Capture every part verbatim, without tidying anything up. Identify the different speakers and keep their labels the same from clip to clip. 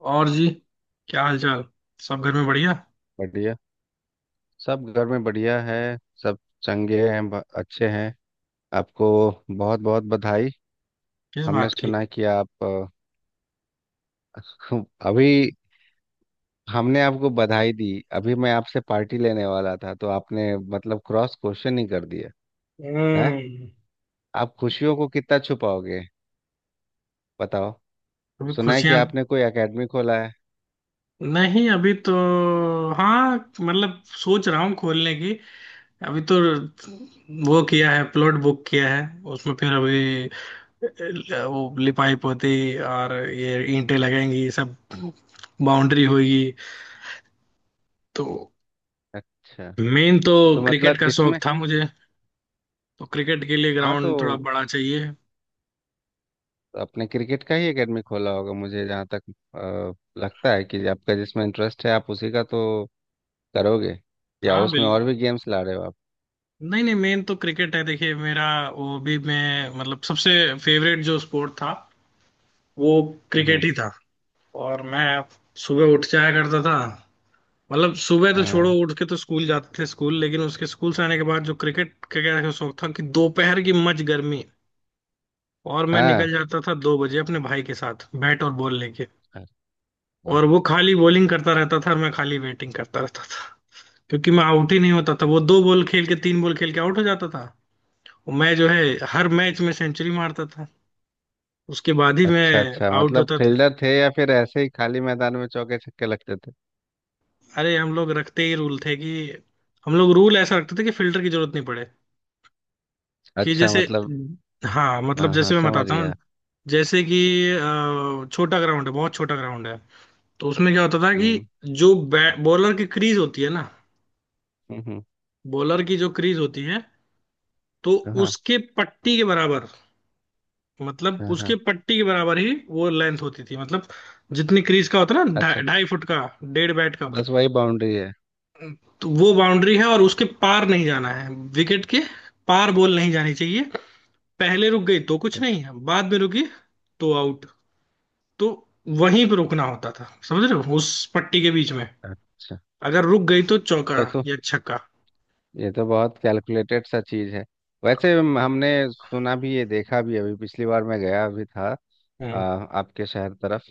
Speaker 1: और जी, क्या हाल चाल। सब घर में बढ़िया।
Speaker 2: बढ़िया। सब घर में बढ़िया है, सब चंगे हैं, ब- अच्छे हैं। आपको बहुत बहुत बधाई।
Speaker 1: किस
Speaker 2: हमने
Speaker 1: बात की।
Speaker 2: सुना है कि आप अ, अभी हमने आपको बधाई दी। अभी मैं आपसे पार्टी लेने वाला था, तो आपने मतलब क्रॉस क्वेश्चन ही कर दिया है।
Speaker 1: हम्म।
Speaker 2: आप खुशियों को कितना छुपाओगे? बताओ।
Speaker 1: अभी
Speaker 2: सुना है कि
Speaker 1: खुशियां?
Speaker 2: आपने कोई एकेडमी खोला है।
Speaker 1: नहीं, अभी तो... हाँ मतलब सोच रहा हूँ खोलने की। अभी तो वो किया है, प्लॉट बुक किया है। उसमें फिर अभी अ, वो लिपाई पोती और ये ईंटें लगेंगी, ये सब बाउंड्री होगी। तो
Speaker 2: अच्छा,
Speaker 1: मेन तो
Speaker 2: तो
Speaker 1: क्रिकेट
Speaker 2: मतलब
Speaker 1: का
Speaker 2: इसमें।
Speaker 1: शौक था मुझे, तो क्रिकेट के लिए
Speaker 2: हाँ, तो
Speaker 1: ग्राउंड थोड़ा बड़ा चाहिए।
Speaker 2: आपने क्रिकेट का ही एकेडमी खोला होगा, मुझे जहाँ तक अ, लगता है कि आपका जिसमें इंटरेस्ट है, आप उसी का तो करोगे, या
Speaker 1: हाँ बिल...
Speaker 2: उसमें और भी गेम्स ला रहे हो आप?
Speaker 1: नहीं नहीं, मेन तो क्रिकेट है देखिए मेरा। वो भी मैं मतलब सबसे फेवरेट जो स्पोर्ट था वो क्रिकेट
Speaker 2: हम्म।
Speaker 1: ही था। और मैं सुबह उठ जाया करता था। मतलब सुबह तो छोड़ो,
Speaker 2: हाँ
Speaker 1: उठ के तो स्कूल जाते थे स्कूल, लेकिन उसके स्कूल से आने के बाद जो क्रिकेट का क्या शौक था कि दोपहर की मच गर्मी, और मैं निकल
Speaker 2: हाँ।
Speaker 1: जाता था दो बजे अपने भाई के साथ बैट और बॉल लेके।
Speaker 2: अरे वाह।
Speaker 1: और वो खाली बॉलिंग करता रहता था और मैं खाली बैटिंग करता रहता था, क्योंकि मैं आउट ही नहीं होता था। वो दो बॉल खेल के तीन बॉल खेल के आउट हो जाता था, और मैं जो है हर मैच में सेंचुरी मारता था, उसके बाद ही
Speaker 2: अच्छा
Speaker 1: मैं
Speaker 2: अच्छा,
Speaker 1: आउट
Speaker 2: मतलब
Speaker 1: होता था।
Speaker 2: फील्डर थे, या फिर ऐसे ही खाली मैदान में चौके छक्के लगते थे?
Speaker 1: अरे हम लोग रखते ही रूल थे कि... हम लोग रूल ऐसा रखते थे कि फिल्टर की जरूरत नहीं पड़े। कि
Speaker 2: अच्छा,
Speaker 1: जैसे...
Speaker 2: मतलब।
Speaker 1: हाँ मतलब
Speaker 2: हाँ हाँ,
Speaker 1: जैसे मैं
Speaker 2: समझ
Speaker 1: बताता हूँ।
Speaker 2: गया।
Speaker 1: जैसे कि अ, छोटा ग्राउंड है, बहुत छोटा ग्राउंड है। तो उसमें क्या होता था कि
Speaker 2: हम्म
Speaker 1: जो बॉलर की क्रीज होती है ना,
Speaker 2: हम्म, हम्म।
Speaker 1: बॉलर की जो क्रीज होती है, तो
Speaker 2: हाँ
Speaker 1: उसके पट्टी के बराबर, मतलब
Speaker 2: हाँ।
Speaker 1: उसके
Speaker 2: हाँ,
Speaker 1: पट्टी के बराबर ही वो लेंथ होती थी, मतलब जितनी क्रीज का होता है ना,
Speaker 2: अच्छा
Speaker 1: ढाई
Speaker 2: अच्छा।
Speaker 1: ढाई फुट का, डेढ़ बैट का।
Speaker 2: बस वही बाउंड्री है।
Speaker 1: तो वो बाउंड्री है और उसके पार नहीं जाना है। विकेट के पार बॉल नहीं जानी चाहिए। पहले रुक गई तो कुछ नहीं है, बाद में रुकी तो आउट। तो वहीं पे रुकना होता था, समझ रहे हो, उस पट्टी के बीच में।
Speaker 2: अच्छा।
Speaker 1: अगर रुक गई तो चौका
Speaker 2: तब तो
Speaker 1: या छक्का।
Speaker 2: ये तो बहुत कैलकुलेटेड सा चीज है। वैसे हम- हमने सुना भी है, देखा भी है, अभी पिछली बार मैं गया भी था आ,
Speaker 1: हम्म।
Speaker 2: आपके शहर तरफ।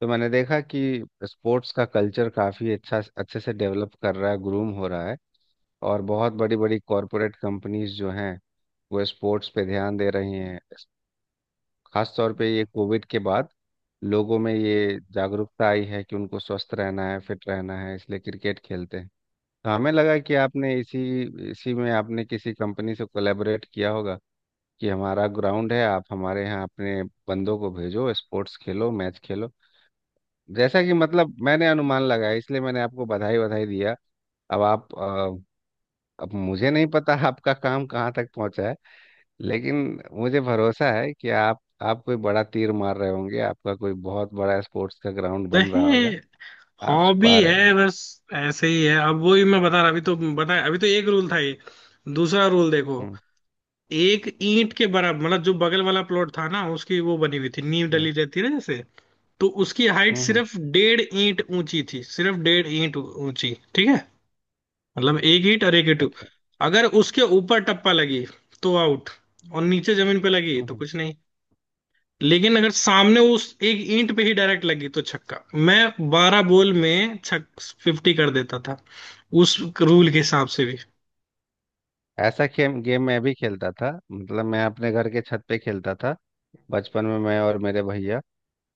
Speaker 2: तो मैंने देखा कि स्पोर्ट्स का कल्चर काफ़ी अच्छा, अच्छे से डेवलप कर रहा है, ग्रूम हो रहा है। और बहुत बड़ी बड़ी कॉरपोरेट कंपनीज जो हैं, वो स्पोर्ट्स पे ध्यान दे रही हैं। खास तौर पे ये कोविड के बाद लोगों में ये जागरूकता आई है कि उनको स्वस्थ रहना है, फिट रहना है, इसलिए क्रिकेट खेलते हैं। तो हमें लगा कि आपने इसी, इसी में आपने किसी कंपनी से कोलैबोरेट किया होगा कि हमारा ग्राउंड है, आप हमारे यहाँ अपने बंदों को भेजो, स्पोर्ट्स खेलो, मैच खेलो। जैसा कि मतलब मैंने अनुमान लगाया, इसलिए मैंने आपको बधाई बधाई दिया। अब आप अ, अब मुझे नहीं पता आपका काम कहाँ तक पहुँचा है, लेकिन मुझे भरोसा है कि आप आप कोई बड़ा तीर मार रहे होंगे, आपका कोई बहुत बड़ा स्पोर्ट्स का ग्राउंड बन रहा
Speaker 1: नहीं,
Speaker 2: होगा। आप
Speaker 1: हॉबी
Speaker 2: छुपा रहे हो।
Speaker 1: है बस, ऐसे ही है। अब वही मैं बता रहा, अभी तो बताया, अभी तो एक रूल था ये। दूसरा रूल देखो।
Speaker 2: हम्म।
Speaker 1: एक ईंट के बराबर, मतलब जो बगल वाला प्लॉट था ना, उसकी वो बनी हुई थी, नींव
Speaker 2: हम्म।
Speaker 1: डली रहती है ना जैसे। तो उसकी हाइट
Speaker 2: हम्म। हम्म,
Speaker 1: सिर्फ डेढ़ ईंट ऊंची थी, सिर्फ डेढ़ ईंट ऊंची, ठीक है। मतलब एक ईंट और एक ईंट।
Speaker 2: अच्छा।
Speaker 1: अगर उसके ऊपर टप्पा लगी तो आउट, और नीचे जमीन पे लगी
Speaker 2: हम्म,
Speaker 1: तो
Speaker 2: हम्म।
Speaker 1: कुछ नहीं। लेकिन अगर सामने उस एक ईंट पे ही डायरेक्ट लगी तो छक्का। मैं बारह बॉल में छक फिफ्टी कर देता था उस रूल के हिसाब से भी।
Speaker 2: ऐसा गेम गेम मैं भी खेलता था, मतलब मैं अपने घर के छत पे खेलता था बचपन में, मैं और मेरे भैया।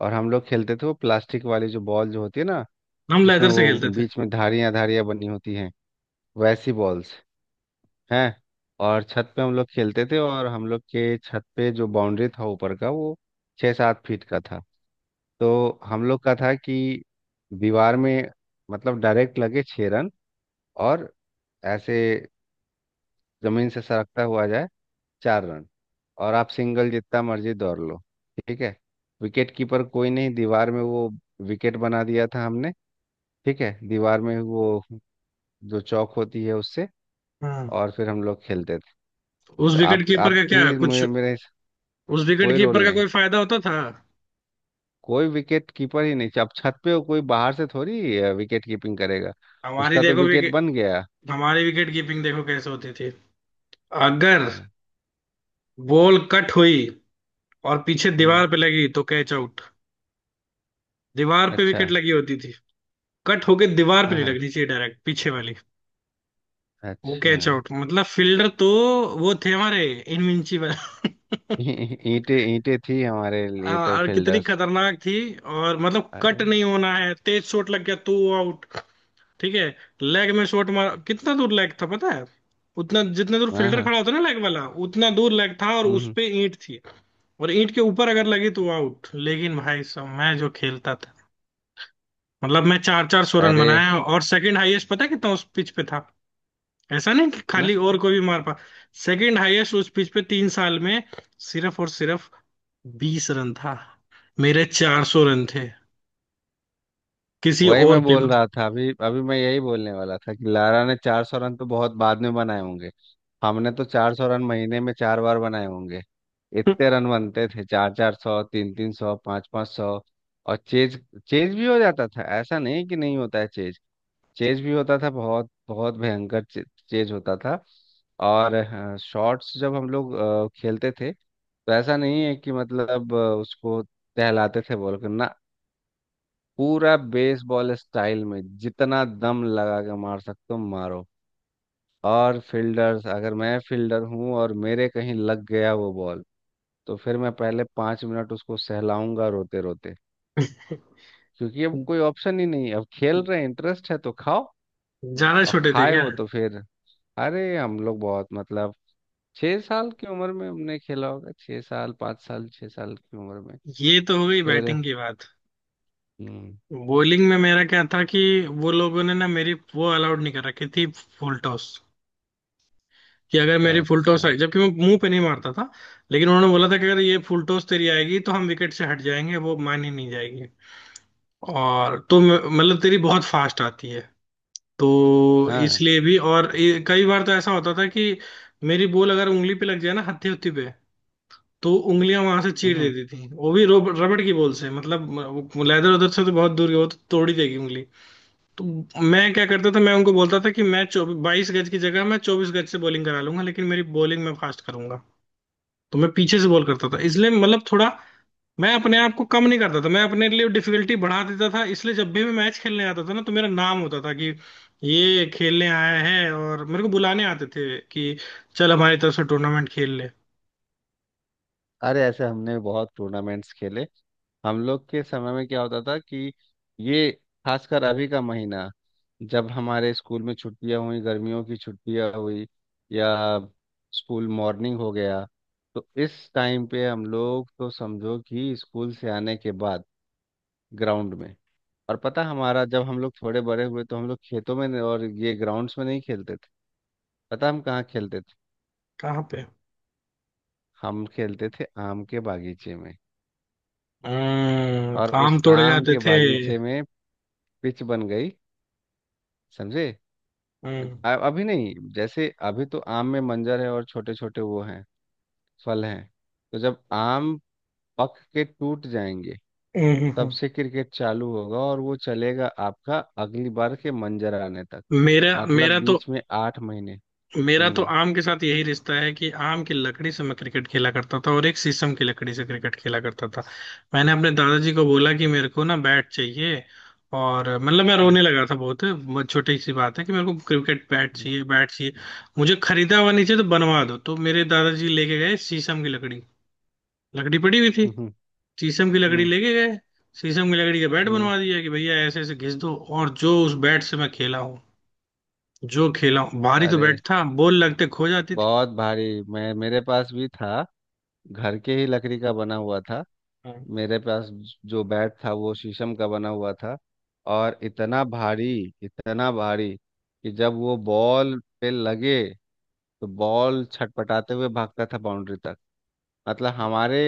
Speaker 2: और हम लोग खेलते थे वो प्लास्टिक वाली जो बॉल जो होती है ना,
Speaker 1: हम
Speaker 2: जिसमें
Speaker 1: लेदर से
Speaker 2: वो
Speaker 1: खेलते थे।
Speaker 2: बीच में धारियां धारियां बनी होती हैं, वैसी बॉल्स हैं। और छत पे हम लोग खेलते थे, और हम लोग के छत पे जो बाउंड्री था ऊपर का, वो छः सात फीट का था। तो हम लोग का था कि दीवार में, मतलब डायरेक्ट लगे छः रन, और ऐसे जमीन से सरकता हुआ जाए, चार रन। और आप सिंगल जितना मर्जी दौड़ लो, ठीक है। विकेट कीपर कोई नहीं, दीवार में वो विकेट बना दिया था हमने, ठीक है, दीवार में वो जो चौक होती है उससे।
Speaker 1: हम्म।
Speaker 2: और फिर हम लोग खेलते थे।
Speaker 1: उस
Speaker 2: तो आप
Speaker 1: विकेट कीपर
Speaker 2: आप
Speaker 1: का क्या
Speaker 2: भी
Speaker 1: कुछ...
Speaker 2: मुझे मेरे,
Speaker 1: उस विकेट
Speaker 2: कोई
Speaker 1: कीपर
Speaker 2: रोल
Speaker 1: का
Speaker 2: नहीं।
Speaker 1: कोई फायदा होता था?
Speaker 2: कोई विकेट कीपर ही नहीं, अब छत पे हो, कोई बाहर से थोड़ी अ, विकेट कीपिंग करेगा।
Speaker 1: हमारी
Speaker 2: उसका तो
Speaker 1: देखो
Speaker 2: विकेट
Speaker 1: विकेट...
Speaker 2: बन गया।
Speaker 1: हमारी विकेट कीपिंग देखो कैसे होती थी। अगर
Speaker 2: हाँ।
Speaker 1: बॉल कट हुई और पीछे
Speaker 2: हम्म।
Speaker 1: दीवार पे लगी तो कैच आउट। दीवार पे
Speaker 2: अच्छा।
Speaker 1: विकेट लगी होती थी। कट होके दीवार पे
Speaker 2: हाँ
Speaker 1: नहीं
Speaker 2: हाँ।
Speaker 1: लगनी चाहिए, डायरेक्ट पीछे वाली। वो
Speaker 2: अच्छा।
Speaker 1: कैच आउट, मतलब फील्डर तो वो थे हमारे, इनविंसिबल
Speaker 2: ईंटे ईंटे थी हमारे लिए तो
Speaker 1: हाँ, और कितनी
Speaker 2: फील्डर्स।
Speaker 1: खतरनाक थी, और मतलब कट
Speaker 2: अरे।
Speaker 1: नहीं होना है, तेज शॉट लग गया तो आउट। ठीक है। लेग में शॉट मार, कितना दूर लेग था पता है? उतना जितना दूर
Speaker 2: हाँ
Speaker 1: फील्डर
Speaker 2: हाँ।
Speaker 1: खड़ा होता है ना लेग वाला, उतना दूर लेग था, और उस
Speaker 2: हम्म।
Speaker 1: पे ईंट थी। और ईंट के ऊपर अगर लगी तो आउट, लेकिन भाई साहब मैं जो खेलता था, मतलब मैं चार चार सौ रन
Speaker 2: अरे।
Speaker 1: बनाया, और सेकंड हाईएस्ट पता है कितना उस पिच पे था? ऐसा नहीं कि
Speaker 2: ना।
Speaker 1: खाली और कोई भी मार पा... सेकंड हाईएस्ट उस पिच पे तीन साल में, सिर्फ और सिर्फ बीस रन था। मेरे चार सौ रन थे, किसी
Speaker 2: वही
Speaker 1: और
Speaker 2: मैं
Speaker 1: के
Speaker 2: बोल
Speaker 1: मतलब...
Speaker 2: रहा था, अभी अभी मैं यही बोलने वाला था कि लारा ने चार सौ रन तो बहुत बाद में बनाए होंगे, हमने तो चार सौ रन महीने में चार बार बनाए होंगे। इतने रन बनते थे, चार चार सौ, तीन तीन सौ, पाँच पाँच सौ। और चेज, चेज भी हो जाता था, ऐसा नहीं कि नहीं होता है चेज। चेज भी होता था बहुत बहुत भयंकर चे, चेज होता था। और हाँ, शॉट्स जब हम लोग अ, खेलते थे, तो ऐसा नहीं है कि मतलब अ, उसको दहलाते थे बोल कर ना, पूरा बेसबॉल स्टाइल में जितना दम लगा के मार सकते हो मारो। और फील्डर्स, अगर मैं फील्डर हूँ और मेरे कहीं लग गया वो बॉल, तो फिर मैं पहले पांच मिनट उसको सहलाऊंगा रोते रोते, क्योंकि अब कोई ऑप्शन ही नहीं है, अब खेल रहे हैं, इंटरेस्ट है तो खाओ।
Speaker 1: ज्यादा
Speaker 2: और
Speaker 1: छोटे थे
Speaker 2: खाए
Speaker 1: क्या?
Speaker 2: हो तो फिर। अरे हम लोग बहुत मतलब छह साल की उम्र में हमने खेला होगा, छह साल, पाँच साल, छह साल की उम्र में।
Speaker 1: ये तो हो गई
Speaker 2: फिर।
Speaker 1: बैटिंग की बात।
Speaker 2: हम्म।
Speaker 1: बॉलिंग में मेरा क्या था कि वो लोगों ने ना मेरी वो अलाउड नहीं कर रखी थी, फुल टॉस। कि अगर मेरी फुल टॉस
Speaker 2: अच्छा।
Speaker 1: आई, जबकि मैं मुंह पे नहीं मारता था, लेकिन उन्होंने बोला था कि अगर ये फुल टॉस तेरी आएगी तो हम विकेट से हट जाएंगे, वो मानी नहीं जाएगी। और तो म- मतलब तेरी बहुत फास्ट आती है, तो
Speaker 2: हाँ।
Speaker 1: इसलिए भी। और ये- कई बार तो ऐसा होता था कि मेरी बॉल अगर उंगली पे लग जाए ना, हत्थी हत्थी पे, तो उंगलियां वहां से चीर
Speaker 2: हम्म।
Speaker 1: देती थी। वो भी रोब- रबड़ की बॉल से, मतलब लेदर उधर से तो बहुत दूर गया, वो तो तोड़ ही देगी उंगली। तो मैं क्या करता था, मैं उनको बोलता था कि मैं चौबीस बाईस गज की जगह मैं चौबीस गज से बॉलिंग करा लूंगा, लेकिन मेरी बॉलिंग मैं फास्ट करूंगा। तो मैं पीछे से बॉल करता था,
Speaker 2: अच्छा।
Speaker 1: इसलिए मतलब थोड़ा... मैं अपने आप को कम नहीं करता था, मैं अपने लिए डिफिकल्टी बढ़ा देता था। इसलिए जब भी मैं मैच खेलने आता था ना, तो मेरा नाम होता था कि ये खेलने आया है, और मेरे को बुलाने आते थे कि चल हमारी तरफ से टूर्नामेंट खेल ले।
Speaker 2: अरे ऐसे हमने बहुत टूर्नामेंट्स खेले। हम लोग के समय में क्या होता था कि ये, खासकर अभी का महीना, जब हमारे स्कूल में छुट्टियां हुई, गर्मियों की छुट्टियां हुई, या स्कूल मॉर्निंग हो गया, तो इस टाइम पे हम लोग तो समझो कि स्कूल से आने के बाद ग्राउंड में। और पता, हमारा जब हम लोग थोड़े बड़े हुए, तो हम लोग खेतों में नहीं- और ये ग्राउंड्स में नहीं खेलते थे। पता हम कहाँ खेलते थे?
Speaker 1: कहाँ पे?
Speaker 2: हम खेलते थे आम के बागीचे में।
Speaker 1: हम्म,
Speaker 2: और
Speaker 1: आम
Speaker 2: उस
Speaker 1: तोड़े
Speaker 2: आम
Speaker 1: जाते
Speaker 2: के
Speaker 1: थे।
Speaker 2: बागीचे में पिच बन गई, समझे। अ-
Speaker 1: हम्म।
Speaker 2: अभी नहीं, जैसे अभी तो आम में मंजर है और छोटे छोटे वो हैं, फल हैं। तो जब आम पक के टूट जाएंगे,
Speaker 1: हम्म। हम्म।
Speaker 2: तब
Speaker 1: हम्म।
Speaker 2: से क्रिकेट चालू होगा, और वो चलेगा आपका अगली बार के मंजर आने तक।
Speaker 1: मेरा
Speaker 2: मतलब
Speaker 1: मेरा तो...
Speaker 2: बीच में आठ महीने।
Speaker 1: मेरा तो
Speaker 2: हम्म।
Speaker 1: आम के साथ यही रिश्ता है कि आम की लकड़ी से मैं क्रिकेट खेला करता था, और एक शीशम की लकड़ी से क्रिकेट खेला करता था। मैंने अपने दादाजी को बोला कि मेरे को ना बैट चाहिए, और मतलब मैं
Speaker 2: हम्म।
Speaker 1: रोने लगा था, बहुत बहुत छोटी सी बात है, कि मेरे को क्रिकेट बैट
Speaker 2: हम्म।
Speaker 1: चाहिए, बैट चाहिए। मुझे खरीदा हुआ नहीं चाहिए, तो बनवा दो। तो मेरे दादाजी लेके गए शीशम की लकड़ी, लकड़ी पड़ी हुई थी,
Speaker 2: हम्म।
Speaker 1: शीशम की लकड़ी
Speaker 2: हम्म,
Speaker 1: लेके गए, शीशम की लकड़ी का बैट
Speaker 2: हम्म।
Speaker 1: बनवा दिया, कि भैया ऐसे ऐसे घिस दो। और जो उस बैट से मैं खेला हूँ, जो खेला हूँ, भारी तो
Speaker 2: अरे
Speaker 1: बैट था, बॉल लगते खो जाती थी।
Speaker 2: बहुत भारी मैं, मेरे पास भी था, घर के ही लकड़ी का बना हुआ था।
Speaker 1: हम्म।
Speaker 2: मेरे पास जो बैट था वो शीशम का बना हुआ था, और इतना भारी, इतना भारी कि जब वो बॉल पे लगे, तो बॉल छटपटाते हुए भागता था बाउंड्री तक। मतलब हमारे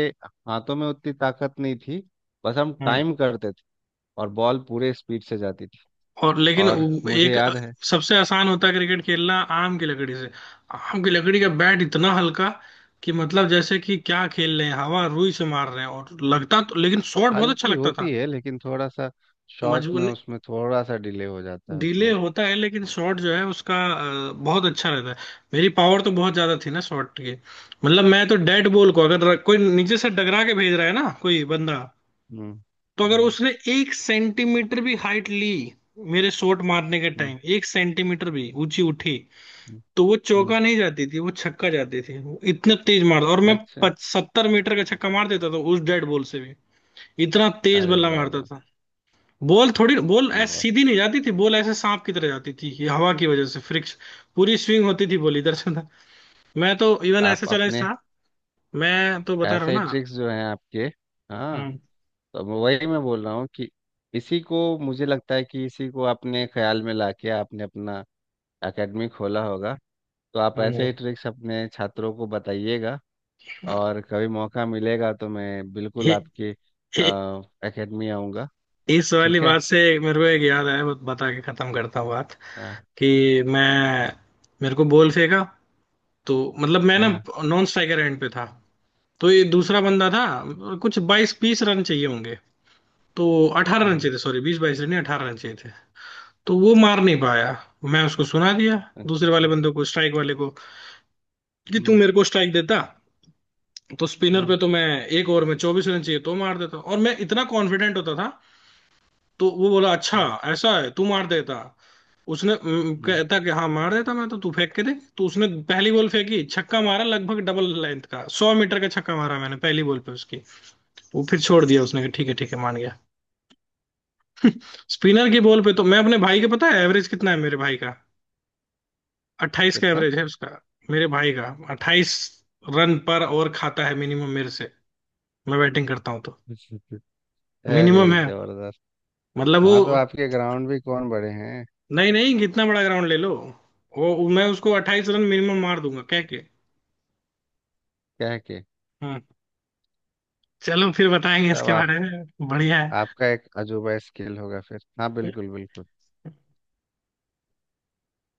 Speaker 2: हाथों में उतनी ताकत नहीं थी, बस हम
Speaker 1: हम्म।
Speaker 2: टाइम करते थे, और बॉल पूरे स्पीड से जाती थी।
Speaker 1: और लेकिन
Speaker 2: और
Speaker 1: वो
Speaker 2: मुझे
Speaker 1: एक अ,
Speaker 2: याद है।
Speaker 1: सबसे आसान होता है क्रिकेट खेलना आम की लकड़ी से। आम की लकड़ी का बैट इतना हल्का, कि मतलब जैसे कि क्या खेल रहे हैं, हवा रुई से मार रहे हैं, और लगता तो... लेकिन शॉट बहुत अच्छा
Speaker 2: हल्की
Speaker 1: लगता
Speaker 2: होती
Speaker 1: था।
Speaker 2: है, लेकिन थोड़ा सा शॉट में
Speaker 1: मजबूर...
Speaker 2: उसमें थोड़ा सा डिले हो जाता है
Speaker 1: डिले
Speaker 2: उसमें।
Speaker 1: होता है, लेकिन शॉट जो है उसका अ, बहुत अच्छा रहता है। मेरी पावर तो बहुत ज्यादा थी ना शॉट की, मतलब मैं तो डेड बॉल को, अगर कोई नीचे से डगरा के भेज रहा है ना कोई बंदा,
Speaker 2: हम्म।
Speaker 1: तो अगर
Speaker 2: हम्म।
Speaker 1: उसने एक सेंटीमीटर भी हाइट ली, मेरे शॉट मारने के
Speaker 2: हम्म।
Speaker 1: टाइम एक सेंटीमीटर भी ऊंची उठी,
Speaker 2: हम्म।
Speaker 1: तो वो
Speaker 2: हम्म।
Speaker 1: चौका नहीं जाती थी, वो छक्का जाती थी। वो इतने तेज मारता और मैं
Speaker 2: अच्छा।
Speaker 1: सत्तर मीटर का छक्का मार देता था उस डेड बॉल से भी। इतना तेज
Speaker 2: अरे
Speaker 1: बल्ला
Speaker 2: वाह
Speaker 1: मारता
Speaker 2: वाह।
Speaker 1: था। बॉल थोड़ी बॉल ऐसे
Speaker 2: वाह।
Speaker 1: सीधी नहीं जाती थी, बॉल ऐसे सांप की तरह जाती थी, ये हवा की वजह से फ्रिक्स... पूरी स्विंग होती थी बॉल इधर से उधर। मैं तो इवन ऐसा
Speaker 2: आप
Speaker 1: चैलेंज
Speaker 2: अपने
Speaker 1: था। मैं तो बता रहा हूँ
Speaker 2: ऐसे
Speaker 1: ना।
Speaker 2: ट्रिक्स जो हैं आपके। हाँ।
Speaker 1: हम्म।
Speaker 2: तो मैं- वही मैं बोल रहा हूँ कि इसी को मुझे लगता है कि इसी को आपने ख्याल में लाके आपने अपना एकेडमी खोला होगा। तो आप ऐसे
Speaker 1: हम्म।
Speaker 2: ही ट्रिक्स अपने छात्रों को बताइएगा। और कभी मौका मिलेगा तो मैं बिल्कुल
Speaker 1: हे-
Speaker 2: आपकी
Speaker 1: हे-
Speaker 2: एकेडमी आऊँगा।
Speaker 1: इस वाली
Speaker 2: ठीक है।
Speaker 1: बात से मेरे को एक याद आया, बत- बता के खत्म करता हूँ बात,
Speaker 2: हाँ।
Speaker 1: कि मैं... मेरे को बॉल फेंका। तो मतलब मैं ना
Speaker 2: हाँ
Speaker 1: नॉन स्ट्राइकर एंड पे था, तो ये दूसरा बंदा था। कुछ बाईस बीस रन चाहिए होंगे, तो अठारह रन
Speaker 2: हम्म,
Speaker 1: चाहिए थे, सॉरी बीस बाईस रन नहीं, अठारह रन चाहिए थे। तो वो मार नहीं पाया। मैं उसको सुना दिया,
Speaker 2: अच्छा
Speaker 1: दूसरे
Speaker 2: अच्छा।
Speaker 1: वाले बंदे को स्ट्राइक वाले को, कि तू
Speaker 2: हम्म
Speaker 1: मेरे को स्ट्राइक देता, तो स्पिनर
Speaker 2: हम्म।
Speaker 1: पे तो मैं एक ओवर में चौबीस रन चाहिए तो मार देता, और मैं इतना कॉन्फिडेंट होता था। तो वो बोला, अच्छा
Speaker 2: हम्म।
Speaker 1: ऐसा है, तू मार देता? उसने अम,
Speaker 2: हम्म,
Speaker 1: कहता कि हाँ मार देता मैं तो, तू फेंक के दे। तो उसने पहली बॉल फेंकी, छक्का मारा, लगभग डबल लेंथ का, सौ मीटर का छक्का मारा मैंने पहली बॉल पे उसकी। वो फिर छोड़ दिया उसने कि ठीक है ठीक है, मान गया। स्पिनर की बॉल पे तो मैं अपने भाई के, पता है एवरेज कितना है मेरे भाई का? अट्ठाईस का
Speaker 2: कितना?
Speaker 1: एवरेज है उसका, मेरे भाई का। अट्ठाईस रन पर ओवर खाता है मिनिमम मेरे से, मैं बैटिंग करता हूँ तो।
Speaker 2: अरे
Speaker 1: मिनिमम है,
Speaker 2: जबरदस्त।
Speaker 1: मतलब
Speaker 2: हाँ, तो
Speaker 1: वो...
Speaker 2: आपके ग्राउंड भी कौन बड़े हैं?
Speaker 1: नहीं नहीं, कितना बड़ा ग्राउंड ले लो, वो मैं उसको अट्ठाईस रन मिनिमम मार दूंगा कह के।
Speaker 2: क्या है कि।
Speaker 1: हाँ। चलो फिर बताएंगे
Speaker 2: तब
Speaker 1: इसके
Speaker 2: आप।
Speaker 1: बारे में, बढ़िया है।
Speaker 2: आपका एक अजूबा स्किल होगा फिर। हाँ, बिल्कुल बिल्कुल।